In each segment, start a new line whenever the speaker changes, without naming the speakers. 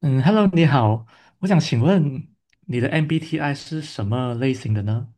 嗯，Hello，你好，我想请问你的 MBTI 是什么类型的呢？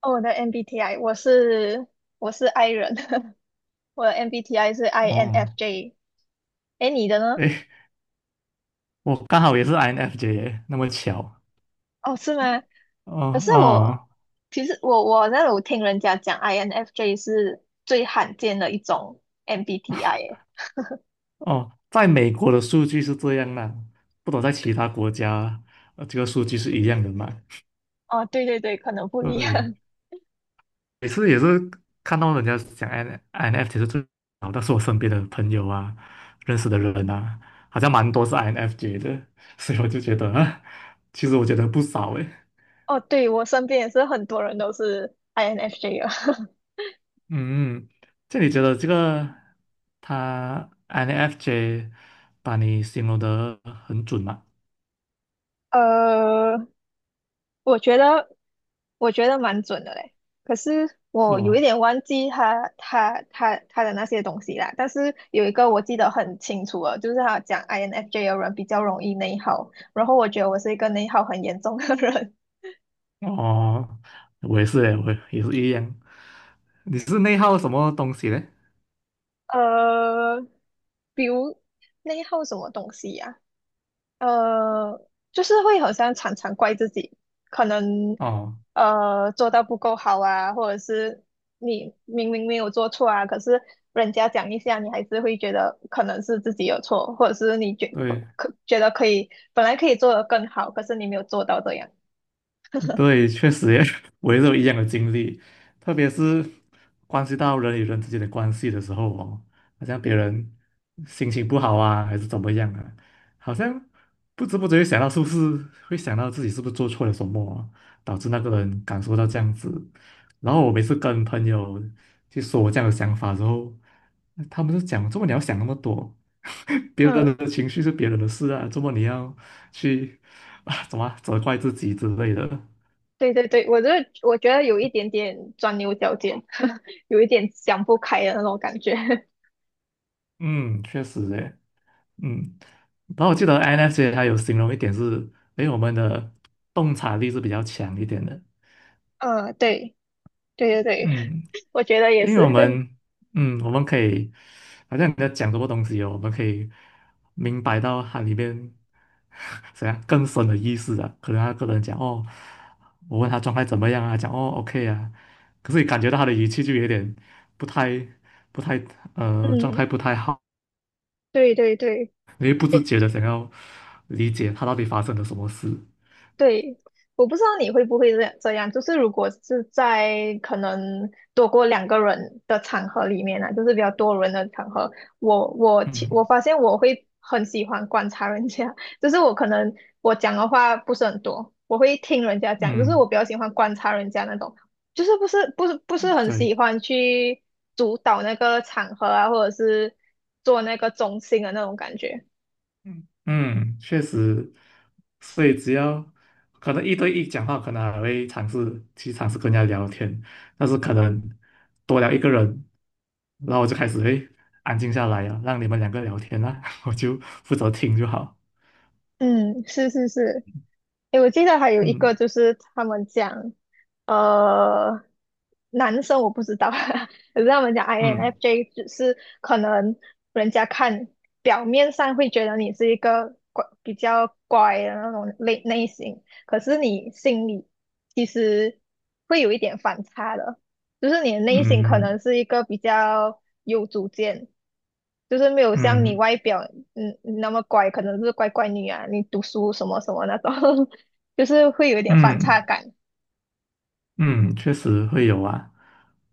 哦，我的 MBTI 我是 I 人，我的 MBTI 是
哦，
INFJ。哎，你的呢？
诶，我刚好也是 INFJ，那么巧。
哦，是吗？可
哦
是我
哦
其实我我那我听人家讲 INFJ 是最罕见的一种 MBTI 诶。
哦，在美国的数据是这样啦，不懂在其他国家，这个数据是一样的嘛？
哦，对对对，可能不一
对，
样。
每次也是看到人家讲 INFJ 是最好，但是我身边的朋友啊，认识的人啊，好像蛮多是 INFJ 的，所以我就觉得，啊，其实我觉得不少诶。
哦，对，我身边也是很多人都是 INFJ 了。
嗯，这你觉得这个他 INFJ 把你形容得很准吗？
呃，我觉得我觉得蛮准的嘞，可是
是
我有一
哦，
点忘记他的那些东西啦。但是有一个我记得很清楚了，就是他讲 INFJ 的人比较容易内耗，然后我觉得我是一个内耗很严重的人。
哦，我也是诶，我也是一样。你是内耗什么东西嘞？
呃，比如内耗什么东西呀、呃，就是会好像常常怪自己，可能
哦，
做到不够好啊，或者是你明明没有做错啊，可是人家讲一下，你还是会觉得可能是自己有错，或者是你觉不
对。
可觉得可以本来可以做得更好，可是你没有做到这样。
对，确实也 我也是有一样的经历，特别是关系到人与人之间的关系的时候哦，好像别人心情不好啊，还是怎么样啊，好像不知不觉想到是不是会想到自己是不是做错了什么啊导致那个人感受到这样子。然后我每次跟朋友去说我这样的想法之后，他们就讲：“怎么你要想那么多？别人
嗯，
的情绪是别人的事啊，怎么你要去 啊怎么啊责怪自己之类的？”
对对对，我觉得有一点点钻牛角尖，有一点想不开的那种感觉。
嗯，确实诶，嗯，然后我记得 n f c 它有形容一点是，诶，我们的洞察力是比较强一点的，
嗯，对对对对，
嗯，
我觉得也
因为
是。
我 们，嗯，我们可以，好像你在讲什么东西哦，我们可以明白到它里面 怎样更深的意思啊，可能他个人讲哦，我问他状态怎么样啊，讲哦 OK 啊，可是你感觉到他的语气就有点不太不太状
嗯，
态不太好。
对对对。
你会不自
诶，
觉的想要理解他到底发生了什么事。
对，我不知道你会不会这样，就是如果是在可能多过两个人的场合里面啊，就是比较多人的场合，我
嗯
发现我会很喜欢观察人家，就是我可能我讲的话不是很多，我会听人家讲，就是
嗯，
我比较喜欢观察人家那种，就是不是很喜
对，
欢去主导那个场合啊，或者是做那个中心的那种感觉。
嗯，确实，所以只要可能一对一讲话，可能还会尝试去尝试跟人家聊天，但是可能多聊一个人，然后我就开始会安静下来啊，让你们两个聊天啊，我就负责听就好。
嗯，是是是。诶，我记得还有一个
嗯
就是他们讲，呃，男生我不知道，可是他们讲
嗯
INFJ 只是可能人家看表面上会觉得你是一个比较乖的那种类型，可是你心里其实会有一点反差的，就是你的内心可能
嗯
是一个比较有主见，就是没有像你
嗯
外表那么乖，可能是乖乖女啊，你读书什么什么那种，就是会有一点反差
嗯。
感。
嗯，确实会有啊。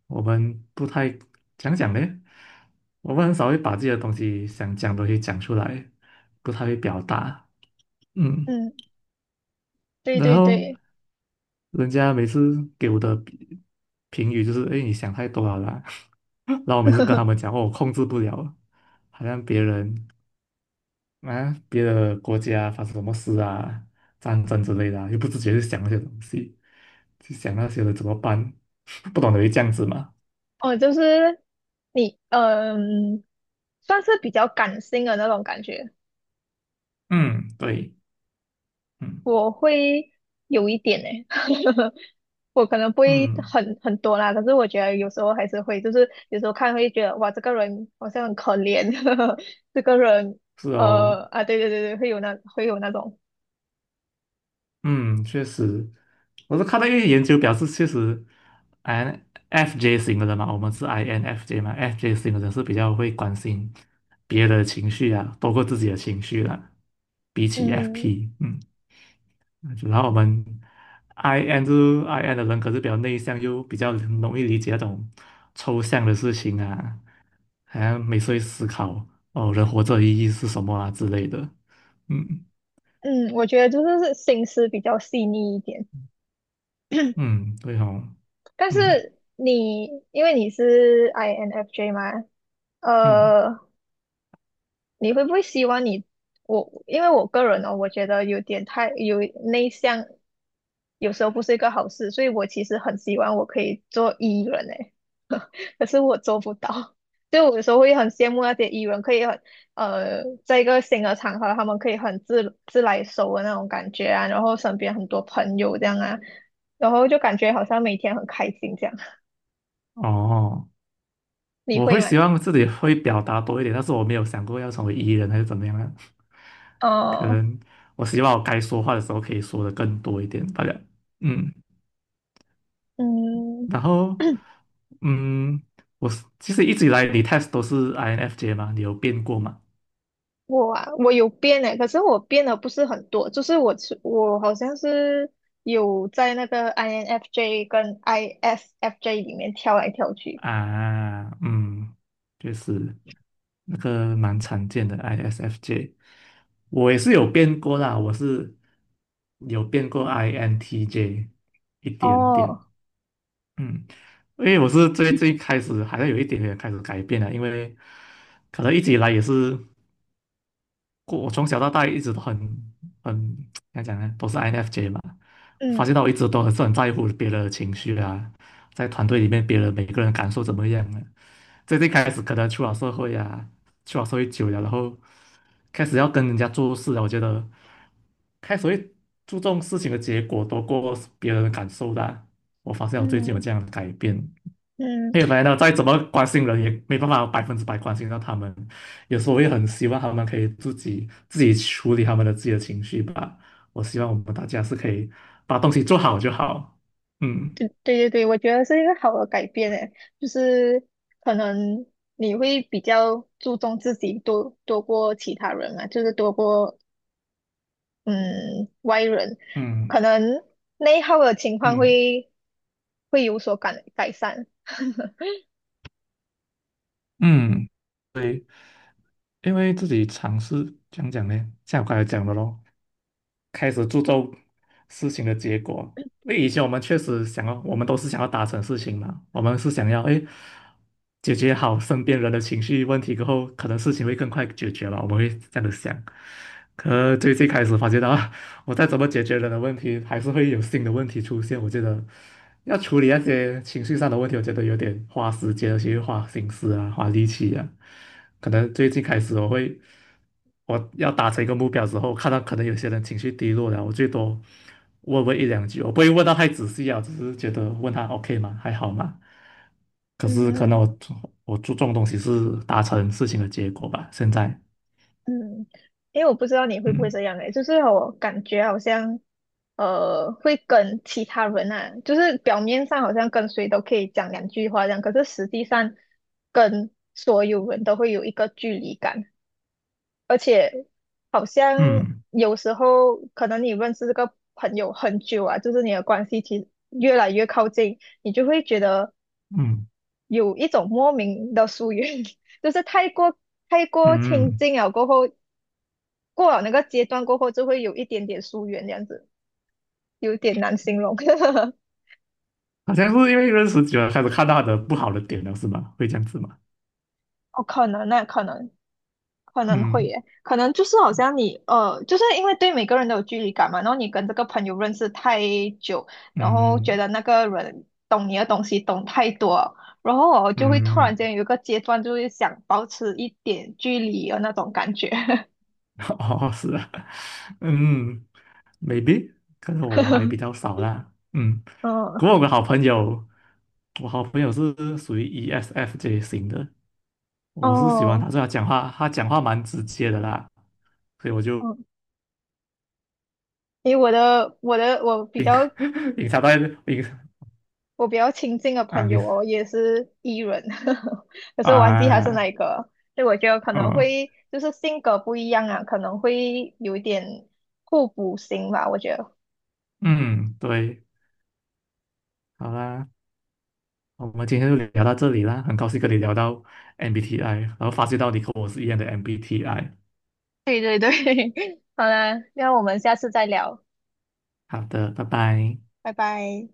我们不太讲讲呢，我们很少会把自己的东西想讲的东西讲出来，不太会表达。嗯，
嗯，对
然
对
后
对，
人家每次给我的评语就是：哎，你想太多了啦。然后我每次 跟他们讲，哦，我控制不了，好像别人啊，别的国家发生什么事啊，战争之类的啊又不自觉去想那些东西，去想那些人怎么办，不懂得会这样子嘛。
哦，就是你，算是比较感性的那种感觉，
嗯，对，嗯
我会有一点呢、我可能不会
嗯，
很多啦，可是我觉得有时候还是会，就是有时候看会觉得哇，这个人好像很可怜，这个人，
是哦，
对对对对，会有那种。
嗯，确实，我是看到一些研究表示，确实，INFJ 型的人嘛，我们是 INFJ 嘛，FJ 型的人是比较会关心别人的情绪啊，包括自己的情绪啦、比起
嗯
FP，嗯。然后我们 IN 的人，可是比较内向，又比较容易理解那种抽象的事情啊，好像每次会思考哦，人活着的意义是什么啊之类的。嗯
嗯，我觉得就是心思比较细腻一点。
嗯，对哦，
但
嗯
是你因为你是 INFJ 嘛，
嗯，
呃，你会不会希望你我？因为我个人呢、哦，我觉得有点太内向，有时候不是一个好事，所以我其实很希望我可以做艺人诶，可是我做不到。就我有时候会很羡慕那些艺人，可以，在一个新的场合，他们可以很自自来熟的那种感觉啊，然后身边很多朋友这样啊，然后就感觉好像每天很开心这样。
哦，
你
我
会
会
吗？
希望自己会表达多一点，但是我没有想过要成为 E 人还是怎么样啊，可
哦，
能我希望我该说话的时候可以说的更多一点，大家嗯，
嗯。
然后。嗯，我是其实一直以来你 test 都是 INFJ 嘛，你有变过吗？
我啊，我有变诶，可是我变的不是很多，就是我好像是有在那个 INFJ 跟 ISFJ 里面跳来跳去。
啊，嗯，就是那个蛮常见的 ISFJ，我也是有变过啦，我是有变过 INTJ 一点
哦，
点，嗯，因为我是最最开始好像有一点点开始改变了，因为可能一直以来也是。过我从小到大一直都很怎么讲呢，都是 INFJ 嘛。发
嗯
现到我一直都很是很在乎别人的情绪啊，在团队里面别人每个人感受怎么样啊。最近开始可能出了社会啊，出了社会久了，然后开始要跟人家做事了，我觉得开始会注重事情的结果多过别人的感受的啊我发现我最近有
嗯
这样的改变，
嗯，
因为反正再怎么关心人，也没办法百分之百关心到他们。有时候我也很希望他们可以自己处理他们的自己的情绪吧。我希望我们大家是可以把东西做好就好。嗯
对对对对，我觉得是一个好的改变诶，就是可能你会比较注重自己多过其他人嘛，就是多过嗯外人，
嗯
可能内耗的情况
嗯
会会有所改善。
嗯，因为自己尝试讲讲呢，像我刚才讲的咯，开始注重事情的结果。因为以前我们确实想要，我们都是想要达成事情嘛，我们是想要哎解决好身边人的情绪问题过后，可能事情会更快解决了。我们会这样的想。可最最开始发觉到，我再怎么解决人的问题，还是会有新的问题出现。我觉得要处理那些情绪上的问题，我觉得有点花时间，而且又花心思啊，花力气啊。可能最近开始我会。我要达成一个目标之后，看到可能有些人情绪低落了，我最多问一两句，我不会问到太仔细啊，只是觉得问他 OK 吗？还好吗？可
嗯
是可能
嗯。
我我注重的东西是达成事情的结果吧。现在，
嗯，因为我不知道你会不会
嗯
这样诶，就是我感觉好像，会跟其他人啊，就是表面上好像跟谁都可以讲两句话这样，可是实际上跟所有人都会有一个距离感，而且好像
嗯
有时候可能你认识这个朋友很久啊，就是你的关系其实越来越靠近，你就会觉得
嗯
有一种莫名的疏远。就是太过
嗯，
亲
嗯，
近了过后，过了那个阶段过后，就会有一点点疏远，这样子有点难形容。
好像是因为认识久了，开始看到他的不好的点了，是吗？会这样子吗？
哦，可能会耶，可能就是好像你，就是因为对每个人都有距离感嘛，然后你跟这个朋友认识太久，然后觉
嗯
得那个人懂你的东西懂太多，然后我就会突
嗯
然
嗯。
间
嗯
有一个阶段，就会想保持一点距离的那种感觉。
哦，是啊，嗯，maybe，可能我还比较 少啦，嗯，
嗯，
不过我的好朋友，我好朋友是属于 ESFJ 型的，我是喜欢
哦，
他，所以他讲话，他讲话蛮直接的啦，所以我就
嗯，因为我的我的我比较
隐藏在隐
我比较亲近的
啊，
朋
你
友哦，也是 E 人，可是忘记他是哪
啊，
一个。所以我觉得可能
嗯
会就是性格不一样啊，可能会有一点互补型吧，我觉得。
嗯，对，好啦，我们今天就聊到这里啦，很高兴跟你聊到 MBTI，然后发现到你跟我是一样的 MBTI，
对对对，好啦，那我们下次再聊，
好的，拜拜。
拜拜。